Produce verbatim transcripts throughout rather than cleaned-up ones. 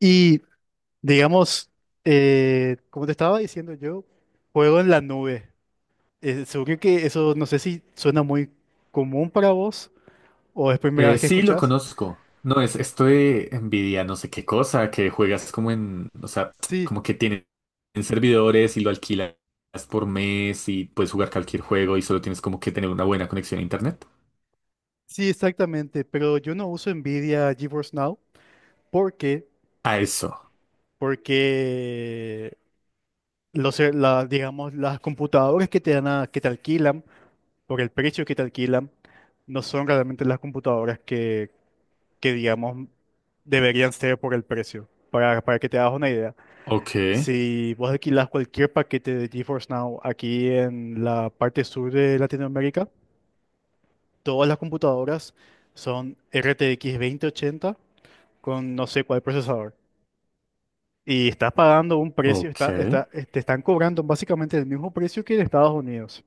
Y digamos, eh, como te estaba diciendo yo, juego en la nube. Eh, seguro que eso no sé si suena muy común para vos o es primera vez Eh, que Sí, lo escuchás. conozco. No, es esto de Nvidia, no sé qué cosa, que juegas como en, o sea, Sí, como que tienen servidores y lo alquilas por mes y puedes jugar cualquier juego y solo tienes como que tener una buena conexión a internet. sí, exactamente. Pero yo no uso NVIDIA GeForce Now. ¿Por qué? A eso. Porque los, ser- la- digamos, las computadoras que te dan a- que te alquilan, por el precio que te alquilan, no son realmente las computadoras que digamos deberían ser por el precio. Para, para que te hagas una idea, Ok, si vos alquilás cualquier paquete de GeForce Now aquí en la parte sur de Latinoamérica, todas las computadoras son R T X veinte ochenta con no sé cuál procesador. Y estás pagando un precio, ok, está, está, eh, te están cobrando básicamente el mismo precio que en Estados Unidos.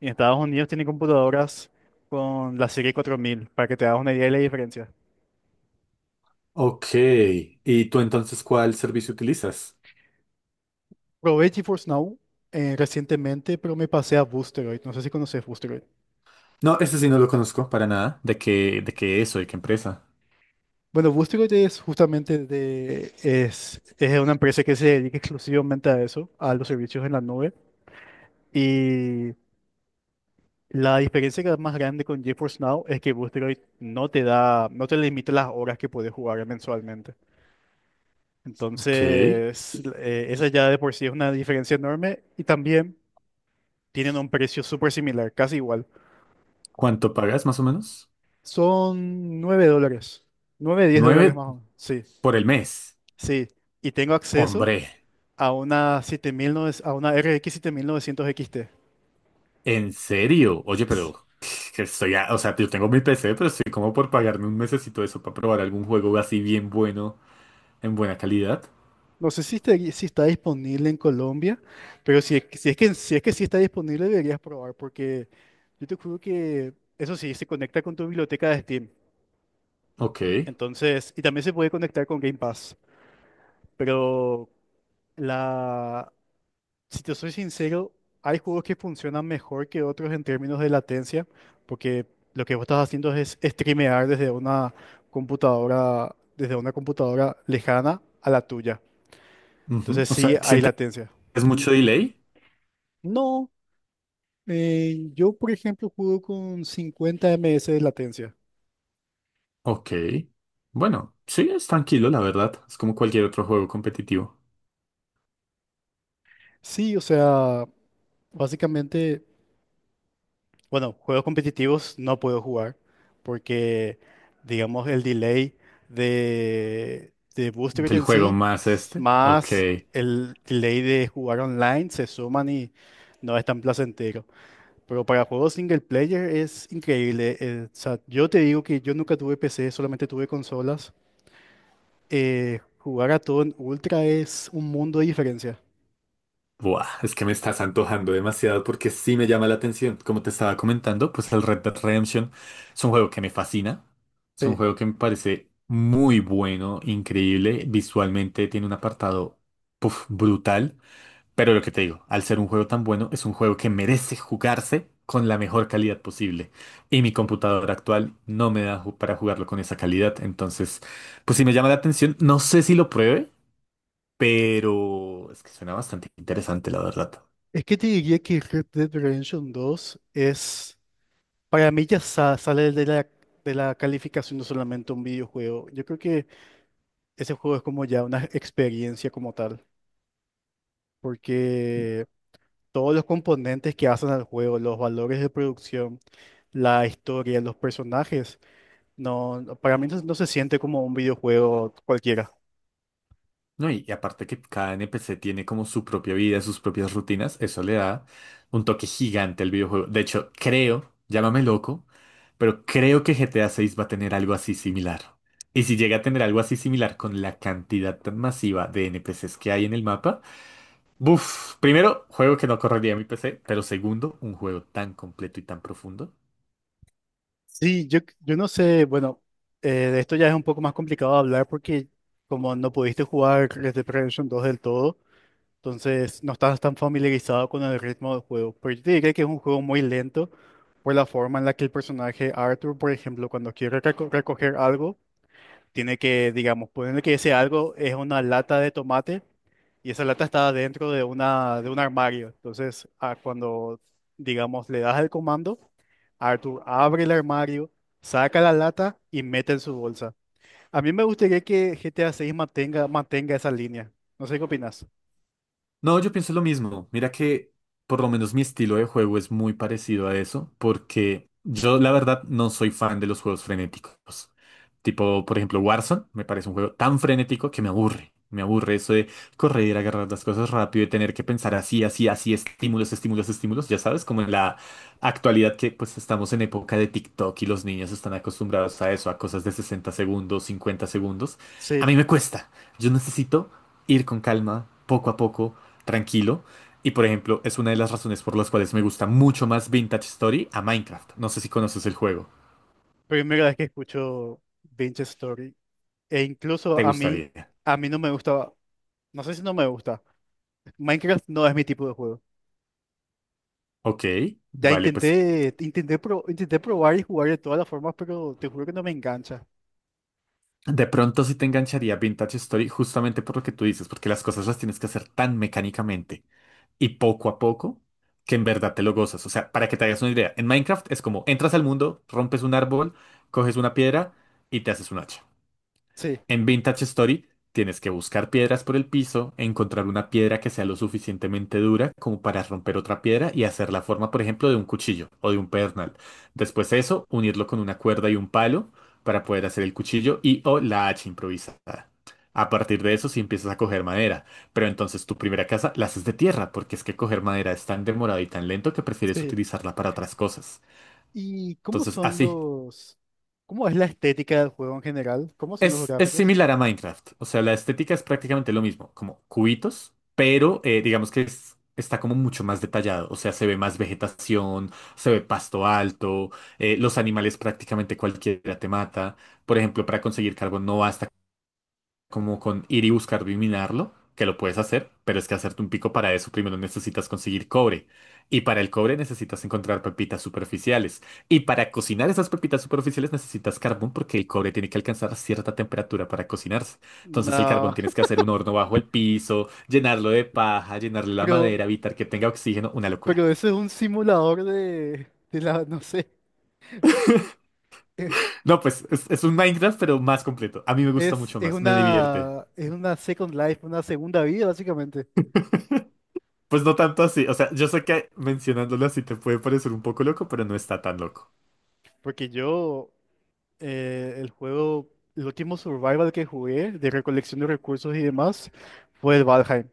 Y en Estados Unidos tienen computadoras con la serie cuatro mil, para que te hagas una idea de la diferencia. ok. ¿Y tú entonces cuál servicio utilizas? Probé GeForce Now eh, recientemente, pero me pasé a Boosteroid. No sé si conoces Boosteroid. No, ese sí no lo conozco para nada. ¿De qué, de qué eso? ¿De qué empresa? Bueno, Boosteroid es justamente de, es, es una empresa que se dedica exclusivamente a eso, a los servicios en la nube. Y la diferencia que es más grande con GeForce Now es que Boosteroid no te da, no te limita las horas que puedes jugar mensualmente. Ok. Entonces, eh, esa ya de por sí es una diferencia enorme y también tienen un precio súper similar, casi igual. ¿Cuánto pagas más o menos? Son nueve dólares. Nueve diez dólares Nueve más o menos. Sí, por el mes. sí. Y tengo acceso Hombre. a una siete mil novecientos a una R X siete mil novecientos X T. ¿En serio? Oye, pero que estoy a- o sea, yo tengo mi P C, pero estoy como por pagarme un mesecito de eso para probar algún juego así bien bueno, en buena calidad. No sé si está, si está disponible en Colombia, pero si, es que- si es que, si es que sí está disponible, deberías probar, porque yo te juro que eso sí, se conecta con tu biblioteca de Steam. Ok. Entonces, y también se puede conectar con Game Pass, pero la, si te soy sincero, hay juegos que funcionan mejor que otros en términos de latencia, porque lo que vos estás haciendo es streamear desde una computadora, desde una computadora lejana a la tuya. Ujú. Entonces O sea, sí hay ¿sientes latencia. mucho delay? No, eh, yo por ejemplo juego con cincuenta ms de latencia. Ok. Bueno, sí, es tranquilo, la verdad. Es como cualquier otro juego competitivo. Sí, o sea, básicamente, bueno, juegos competitivos no puedo jugar porque, digamos, el delay de, de Boost Rate El en juego sí, más s- este. Ok. más el delay de jugar online, se suman y no es tan placentero. Pero para juegos single player es increíble. Eh, o sea, yo te digo que yo nunca tuve P C, solamente tuve consolas. Eh, jugar a todo en Ultra es un mundo de diferencia. Buah, es que me estás antojando demasiado porque sí me llama la atención. Como te estaba comentando, pues el Red Dead Redemption es un juego que me fascina. Es un Sí. juego que me parece muy bueno, increíble. Visualmente tiene un apartado, puf, brutal. Pero lo que te digo, al ser un juego tan bueno, es un juego que merece jugarse con la mejor calidad posible. Y mi computadora actual no me da ju- para jugarlo con esa calidad. Entonces, pues sí me llama la atención. No sé si lo pruebe, pero es que suena bastante interesante, la verdad. Es que te diría que Red Dead Redemption dos es. Para mí ya sa- sale de la, de la calificación no solamente un videojuego. Yo creo que ese juego es como ya una experiencia como tal, porque todos los componentes que hacen al juego, los valores de producción, la historia, los personajes, no, no- para mí no, no se siente como un videojuego cualquiera. No, y, y aparte que cada N P C tiene como su propia vida, sus propias rutinas, eso le da un toque gigante al videojuego. De hecho, creo, llámame loco, pero creo que G T A seis va a tener algo así similar. Y si llega a tener algo así similar con la cantidad tan masiva de N P Cs que hay en el mapa, buf, primero, juego que no correría en mi P C, pero segundo, un juego tan completo y tan profundo. Sí, yo, yo no sé, bueno, eh, de esto ya es un poco más complicado hablar porque como no pudiste jugar Red Dead Redemption dos del todo, entonces, no estás tan familiarizado con el ritmo del juego. Pero yo te diría que es un juego muy lento por la forma en la que el personaje Arthur, por ejemplo, cuando quiere reco- recoger algo, tiene que, digamos, ponerle que ese algo es una lata de tomate y esa lata está dentro de una, de un armario. Entonces, ah, cuando, digamos, le das el comando, Arthur abre el armario, saca la lata y mete en su bolsa. A mí me gustaría que G T A seis mantenga, mantenga esa línea. No sé qué opinas. No, yo pienso lo mismo. Mira que por lo menos mi estilo de juego es muy parecido a eso, porque yo la verdad no soy fan de los juegos frenéticos. Tipo, por ejemplo, Warzone me parece un juego tan frenético que me aburre. Me aburre eso de correr, agarrar las cosas rápido y tener que pensar así, así, así, estímulos, estímulos, estímulos. Ya sabes, como en la actualidad que pues estamos en época de TikTok y los niños están acostumbrados a eso, a cosas de sesenta segundos, cincuenta segundos. A Sí. mí me cuesta. Yo necesito ir con calma, poco a poco tranquilo. Y por ejemplo, es una de las razones por las cuales me gusta mucho más Vintage Story a Minecraft. No sé si conoces el juego. Primera vez que escucho Binge Story. E incluso ¿Te a mí, gustaría? a mí no me gusta. No sé si no me gusta. Minecraft no es mi tipo de juego. Ok, Ya vale, intenté, pues intenté, pro- intenté probar y jugar de todas las formas, pero te juro que no me engancha. de pronto sí te engancharía Vintage Story justamente por lo que tú dices, porque las cosas las tienes que hacer tan mecánicamente y poco a poco que en verdad te lo gozas. O sea, para que te hagas una idea, en Minecraft es como entras al mundo, rompes un árbol, coges una piedra y te haces un hacha. Sí, En Vintage Story tienes que buscar piedras por el piso, encontrar una piedra que sea lo suficientemente dura como para romper otra piedra y hacer la forma, por ejemplo, de un cuchillo o de un pedernal. Después de eso, unirlo con una cuerda y un palo para poder hacer el cuchillo y o la hacha improvisada. A partir de eso, sí empiezas a coger madera, pero entonces tu primera casa la haces de tierra, porque es que coger madera es tan demorado y tan lento que prefieres sí. utilizarla para otras cosas. ¿Y cómo Entonces, son así, los... ¿Cómo es la estética del juego en general? ¿Cómo son los Es, es gráficos? similar a Minecraft, o sea, la estética es prácticamente lo mismo, como cubitos, pero eh, digamos que es- está como mucho más detallado, o sea, se ve más vegetación, se ve pasto alto, eh, los animales prácticamente cualquiera te mata, por ejemplo, para conseguir carbón no basta como con ir y buscar minarlo, que lo puedes hacer, pero es que hacerte un pico para eso primero necesitas conseguir cobre. Y para el cobre necesitas encontrar pepitas superficiales. Y para cocinar esas pepitas superficiales necesitas carbón porque el cobre tiene que alcanzar cierta temperatura para cocinarse. Entonces el carbón No, tienes que hacer un horno bajo el piso, llenarlo de paja, llenarle la pero, madera, evitar que tenga oxígeno, una locura. pero ese es un simulador de, de la, no sé. eh, No, pues es, es un Minecraft, pero más completo. A mí me gusta Es, mucho es más, me divierte. una, es una Second Life, una segunda vida, básicamente. Pues no tanto así, o sea, yo sé que mencionándolo así te puede parecer un poco loco, pero no está tan loco. Porque yo, eh, el juego, el último survival que jugué de recolección de recursos y demás fue el Valheim.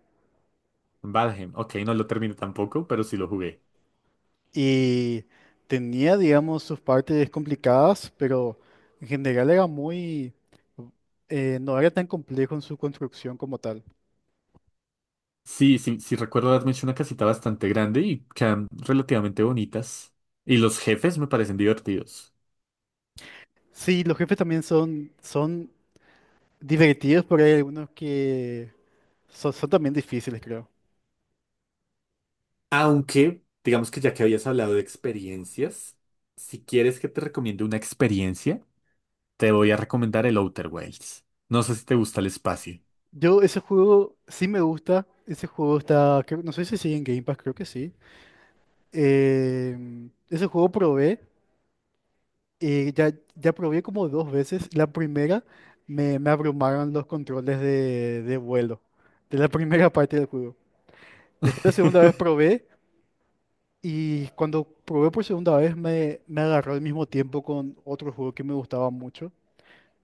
Valheim, ok, no lo terminé tampoco, pero sí lo jugué. Y tenía, digamos, sus partes complicadas, pero en general era muy... eh, no era tan complejo en su construcción como tal. Sí, sí, sí recuerdo haberme hecho una casita bastante grande y quedan relativamente bonitas. Y los jefes me parecen divertidos. Sí, los jefes también son, son divertidos, pero hay algunos que son, son también difíciles, creo. Aunque, digamos que ya que habías hablado de experiencias, si quieres que te recomiende una experiencia, te voy a recomendar el Outer Wilds. No sé si te gusta el espacio. Yo ese juego sí me gusta. Ese juego está, creo- no sé si sigue en Game Pass, creo que sí. Eh, ese juego probé, eh, ya, ya probé como dos veces. La primera me, me abrumaron los controles de, de vuelo, de la primera parte del juego. Después la segunda vez probé y cuando probé por segunda vez me, me agarró al mismo tiempo con otro juego que me gustaba mucho.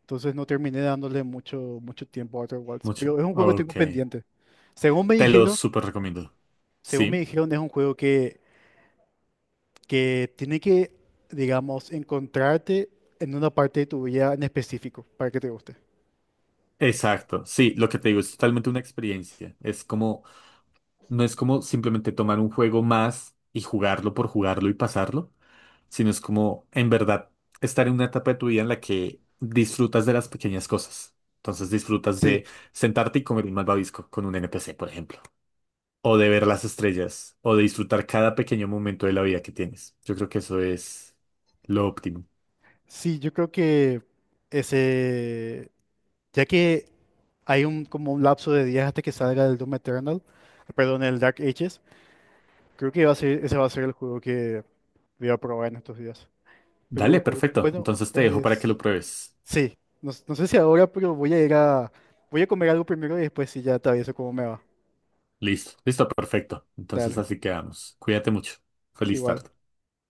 Entonces no terminé dándole mucho, mucho tiempo a Outer Wilds, Mucho. pero es un juego que tengo Ok. pendiente. Según me Te lo dijeron, súper recomiendo. según me Sí. dijeron es un juego que que tiene que, digamos, encontrarte en una parte de tu vida en específico para que te guste. Exacto, sí, lo que te digo es totalmente una experiencia. Es como, no es como simplemente tomar un juego más y jugarlo por jugarlo y pasarlo, sino es como, en verdad, estar en una etapa de tu vida en la que disfrutas de las pequeñas cosas. Entonces disfrutas Sí, de sentarte y comer un malvavisco con un N P C, por ejemplo, o de ver las estrellas, o de disfrutar cada pequeño momento de la vida que tienes. Yo creo que eso es lo óptimo. sí, yo creo que ese, ya que hay un como un lapso de días hasta que salga el Doom Eternal, perdón, el Dark Ages, creo que va a ser, ese va a ser el juego que voy a probar en estos días. Pero Dale, perfecto. bueno, Entonces te dejo para que lo es, pruebes. sí, no, s- no sé si ahora, pero voy a ir a, voy a comer algo primero y después si ya te aviso cómo me va. Listo, listo, perfecto. Entonces Dale, así quedamos. Cuídate mucho. Feliz igual. tarde.